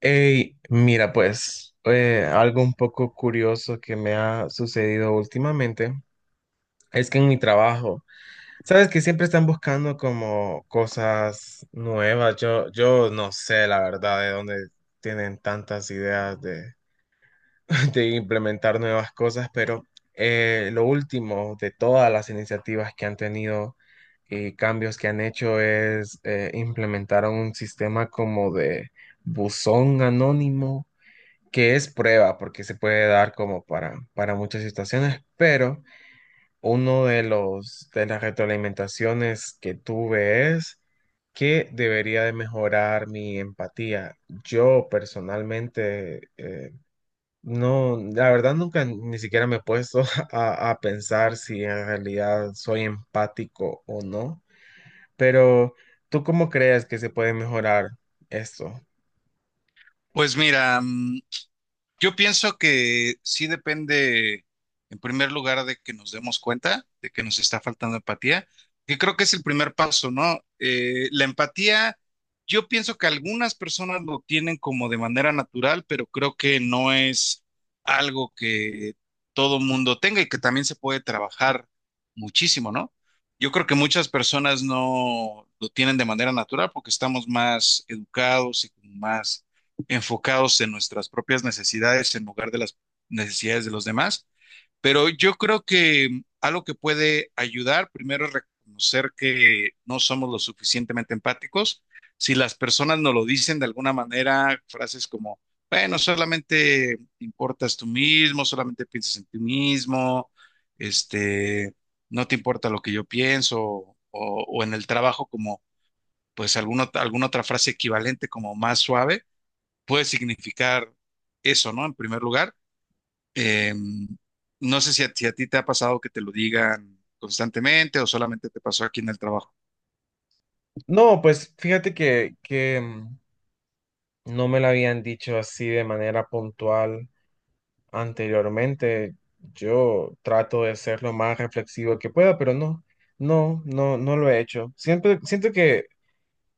Ey, mira, pues algo un poco curioso que me ha sucedido últimamente es que en mi trabajo, sabes que siempre están buscando como cosas nuevas. Yo no sé la verdad de dónde tienen tantas ideas de implementar nuevas cosas, pero lo último de todas las iniciativas que han tenido y cambios que han hecho es implementar un sistema como de buzón anónimo que es prueba, porque se puede dar como para muchas situaciones, pero uno de los de las retroalimentaciones que tuve es que debería de mejorar mi empatía. Yo personalmente no, la verdad nunca ni siquiera me he puesto a pensar si en realidad soy empático o no, pero ¿tú cómo crees que se puede mejorar esto? Pues mira, yo pienso que sí depende, en primer lugar, de que nos demos cuenta de que nos está faltando empatía, que creo que es el primer paso, ¿no? La empatía, yo pienso que algunas personas lo tienen como de manera natural, pero creo que no es algo que todo mundo tenga y que también se puede trabajar muchísimo, ¿no? Yo creo que muchas personas no lo tienen de manera natural porque estamos más educados y como más enfocados en nuestras propias necesidades en lugar de las necesidades de los demás. Pero yo creo que algo que puede ayudar primero es reconocer que no somos lo suficientemente empáticos. Si las personas nos lo dicen de alguna manera, frases como, bueno, solamente importas tú mismo, solamente piensas en ti mismo, este, no te importa lo que yo pienso, o en el trabajo como, pues, alguna otra frase equivalente como más suave puede significar eso, ¿no? En primer lugar, eh, no sé si a ti te ha pasado que te lo digan constantemente o solamente te pasó aquí en el trabajo. No, pues fíjate que, no me lo habían dicho así de manera puntual anteriormente. Yo trato de ser lo más reflexivo que pueda, pero no lo he hecho. Siempre siento que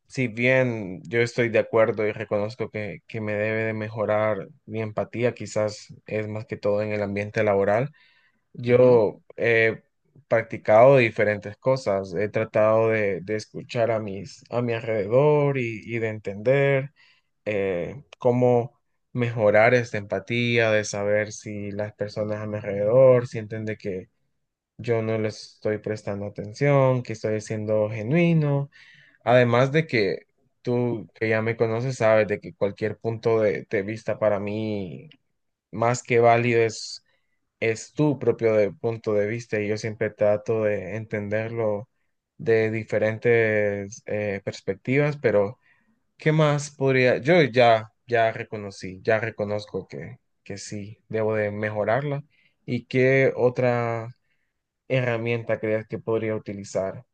si bien yo estoy de acuerdo y reconozco que me debe de mejorar mi empatía, quizás es más que todo en el ambiente laboral, Ujú. yo he practicado diferentes cosas. He tratado de escuchar a a mi alrededor y de entender cómo mejorar esta empatía, de saber si las personas a mi alrededor sienten de que yo no les estoy prestando atención, que estoy siendo genuino. Además de que tú que ya me conoces sabes de que cualquier punto de vista para mí más que válido es tu propio punto de vista y yo siempre trato de entenderlo de diferentes perspectivas, pero ¿qué más podría? Ya reconocí, ya reconozco que sí, debo de mejorarla. ¿Y qué otra herramienta crees que podría utilizar?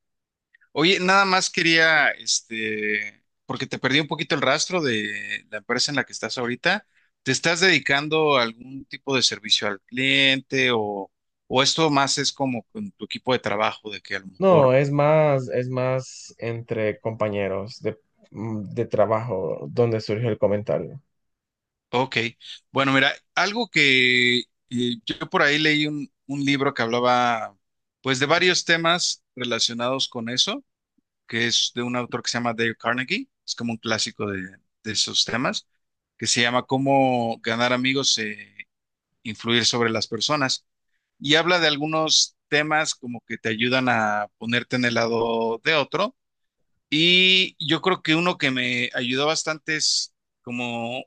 Oye, nada más quería, este, porque te perdí un poquito el rastro de la empresa en la que estás ahorita. ¿Te estás dedicando a algún tipo de servicio al cliente o esto más es como con tu equipo de trabajo, de que a lo No, mejor es más entre compañeros de trabajo donde surgió el comentario. Ok, bueno, mira, algo que yo por ahí leí un libro que hablaba pues de varios temas relacionados con eso, que es de un autor que se llama Dale Carnegie, es como un clásico de esos temas, que se llama Cómo ganar amigos e influir sobre las personas. Y habla de algunos temas como que te ayudan a ponerte en el lado de otro y yo creo que uno que me ayudó bastante es como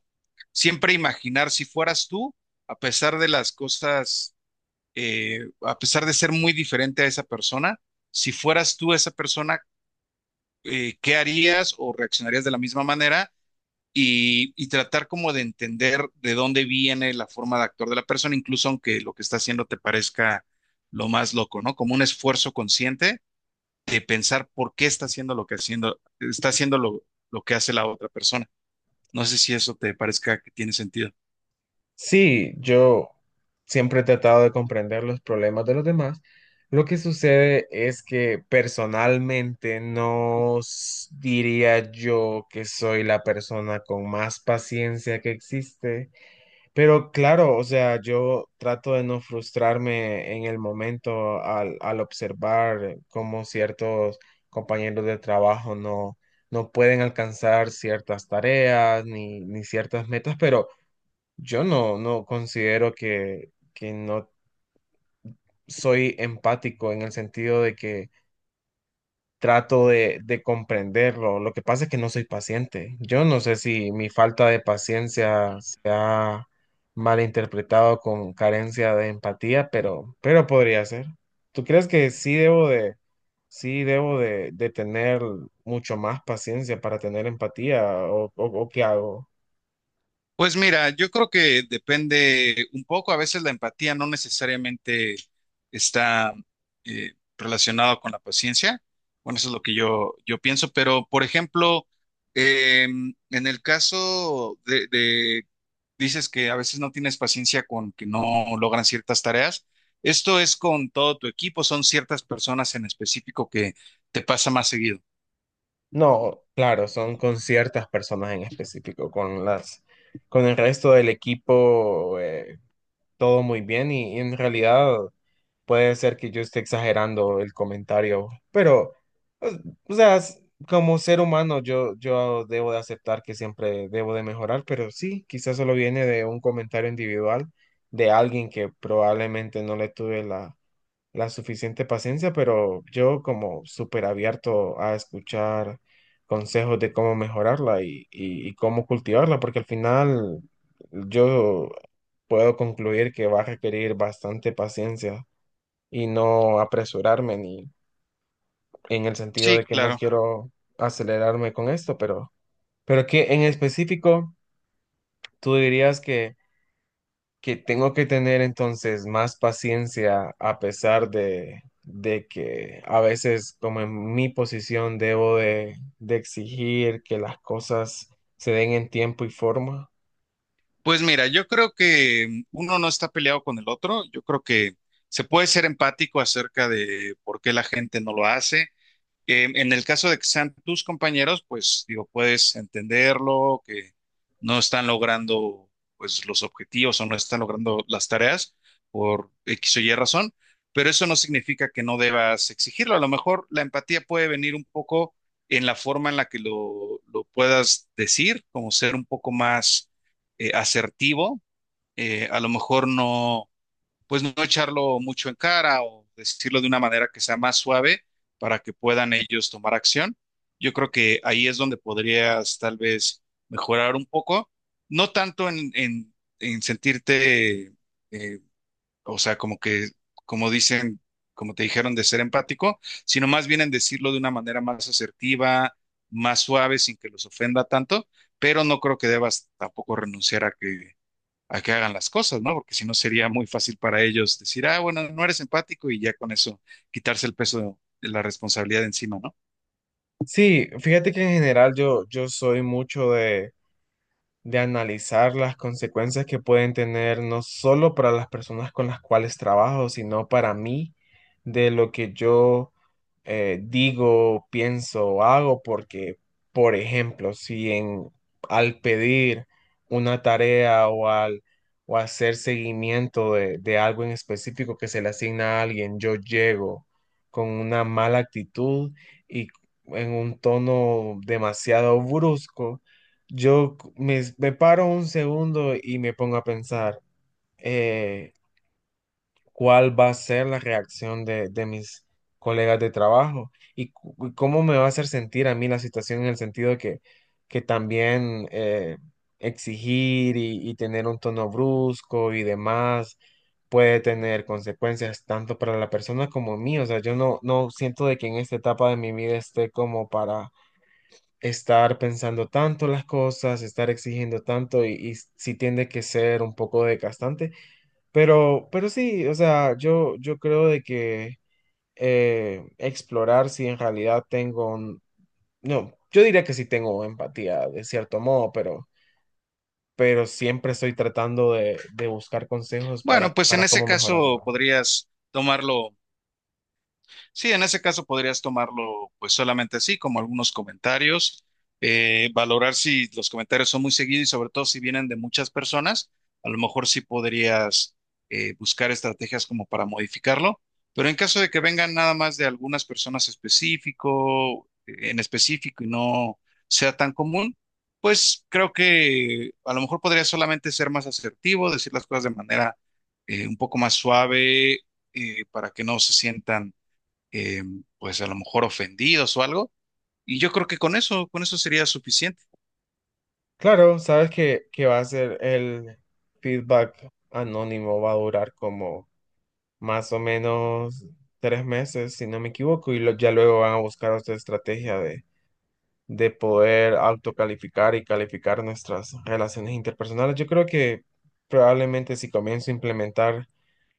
siempre imaginar si fueras tú, a pesar de las cosas, a pesar de ser muy diferente a esa persona, si fueras tú esa persona, ¿qué harías o reaccionarías de la misma manera? Y tratar como de entender de dónde viene la forma de actuar de la persona, incluso aunque lo que está haciendo te parezca lo más loco, ¿no? Como un esfuerzo consciente de pensar por qué está haciendo lo que haciendo, está haciendo lo que hace la otra persona. No sé si eso te parezca que tiene sentido. Sí, yo siempre he tratado de comprender los problemas de los demás. Lo que sucede es que personalmente no diría yo que soy la persona con más paciencia que existe, pero claro, o sea, yo trato de no frustrarme en el momento al observar cómo ciertos compañeros de trabajo no pueden alcanzar ciertas tareas ni ciertas metas, pero... Yo no, no considero que no soy empático en el sentido de que trato de comprenderlo. Lo que pasa es que no soy paciente. Yo no sé si mi falta de paciencia se ha malinterpretado con carencia de empatía, pero podría ser. ¿Tú crees que sí debo de tener mucho más paciencia para tener empatía o qué hago? Pues mira, yo creo que depende un poco, a veces la empatía no necesariamente está relacionada con la paciencia. Bueno, eso es lo que yo pienso, pero por ejemplo, eh, en el caso de dices que a veces no tienes paciencia con que no logran ciertas tareas. Esto es con todo tu equipo, son ciertas personas en específico que te pasa más seguido. No, claro, son con ciertas personas en específico, con con el resto del equipo, todo muy bien y en realidad puede ser que yo esté exagerando el comentario, pero, o o sea, como ser humano yo debo de aceptar que siempre debo de mejorar, pero sí, quizás solo viene de un comentario individual de alguien que probablemente no le tuve la suficiente paciencia, pero yo como súper abierto a escuchar consejos de cómo mejorarla y cómo cultivarla, porque al final yo puedo concluir que va a requerir bastante paciencia y no apresurarme ni en el sentido Sí, de que no claro. quiero acelerarme con esto, pero que en específico tú dirías que tengo que tener entonces más paciencia a pesar de que a veces como en mi posición debo de exigir que las cosas se den en tiempo y forma. Pues mira, yo creo que uno no está peleado con el otro. Yo creo que se puede ser empático acerca de por qué la gente no lo hace. En el caso de que sean tus compañeros, pues digo, puedes entenderlo, que no están logrando pues los objetivos o no están logrando las tareas por X o Y razón, pero eso no significa que no debas exigirlo. A lo mejor la empatía puede venir un poco en la forma en la que lo puedas decir, como ser un poco más asertivo. A lo mejor no pues no echarlo mucho en cara o decirlo de una manera que sea más suave para que puedan ellos tomar acción. Yo creo que ahí es donde podrías tal vez mejorar un poco, no tanto en sentirte, eh, o sea, como que, como dicen, como te dijeron, de ser empático, sino más bien en decirlo de una manera más asertiva, más suave, sin que los ofenda tanto, pero no creo que debas tampoco renunciar a que hagan las cosas, ¿no? Porque si no sería muy fácil para ellos decir, ah, bueno, no eres empático y ya con eso quitarse el peso de la responsabilidad de encima, ¿no? Sí, fíjate que en general yo soy mucho de analizar las consecuencias que pueden tener no solo para las personas con las cuales trabajo, sino para mí, de lo que yo digo, pienso o hago, porque, por ejemplo, si en, al pedir una tarea o hacer seguimiento de algo en específico que se le asigna a alguien, yo llego con una mala actitud y en un tono demasiado brusco, me paro un segundo y me pongo a pensar eh, cuál va a ser la reacción de mis colegas de trabajo y, y cómo me va a hacer sentir a mí la situación en el sentido de que también exigir y tener un tono brusco y demás puede tener consecuencias tanto para la persona como mí. O sea, yo no, no siento de que en esta etapa de mi vida esté como para estar pensando tanto las cosas, estar exigiendo tanto y sí tiende que ser un poco desgastante, pero sí, o sea, yo creo de que explorar si en realidad tengo, no, yo diría que sí tengo empatía de cierto modo, pero siempre estoy tratando de buscar consejos Bueno, pues en para ese cómo caso mejorarlo. podrías tomarlo Sí, en ese caso podrías tomarlo pues solamente así, como algunos comentarios, valorar si los comentarios son muy seguidos y sobre todo si vienen de muchas personas, a lo mejor sí podrías buscar estrategias como para modificarlo, pero en caso de que vengan nada más de algunas personas específico, en específico y no sea tan común, pues creo que a lo mejor podría solamente ser más asertivo, decir las cosas de manera un poco más suave, para que no se sientan eh, pues a lo mejor ofendidos o algo. Y yo creo que con eso sería suficiente. Claro, sabes que va a ser el feedback anónimo, va a durar como más o menos 3 meses, si no me equivoco, y ya luego van a buscar otra estrategia de poder autocalificar y calificar nuestras relaciones interpersonales. Yo creo que probablemente si comienzo a implementar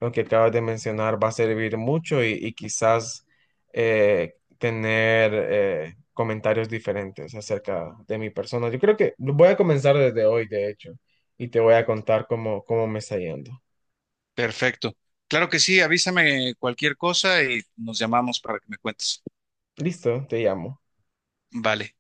lo que acabas de mencionar va a servir mucho y quizás tener comentarios diferentes acerca de mi persona. Yo creo que lo voy a comenzar desde hoy, de hecho, y te voy a contar cómo, cómo me está yendo. Perfecto. Claro que sí, avísame cualquier cosa y nos llamamos para que me cuentes. Listo, te llamo. Vale.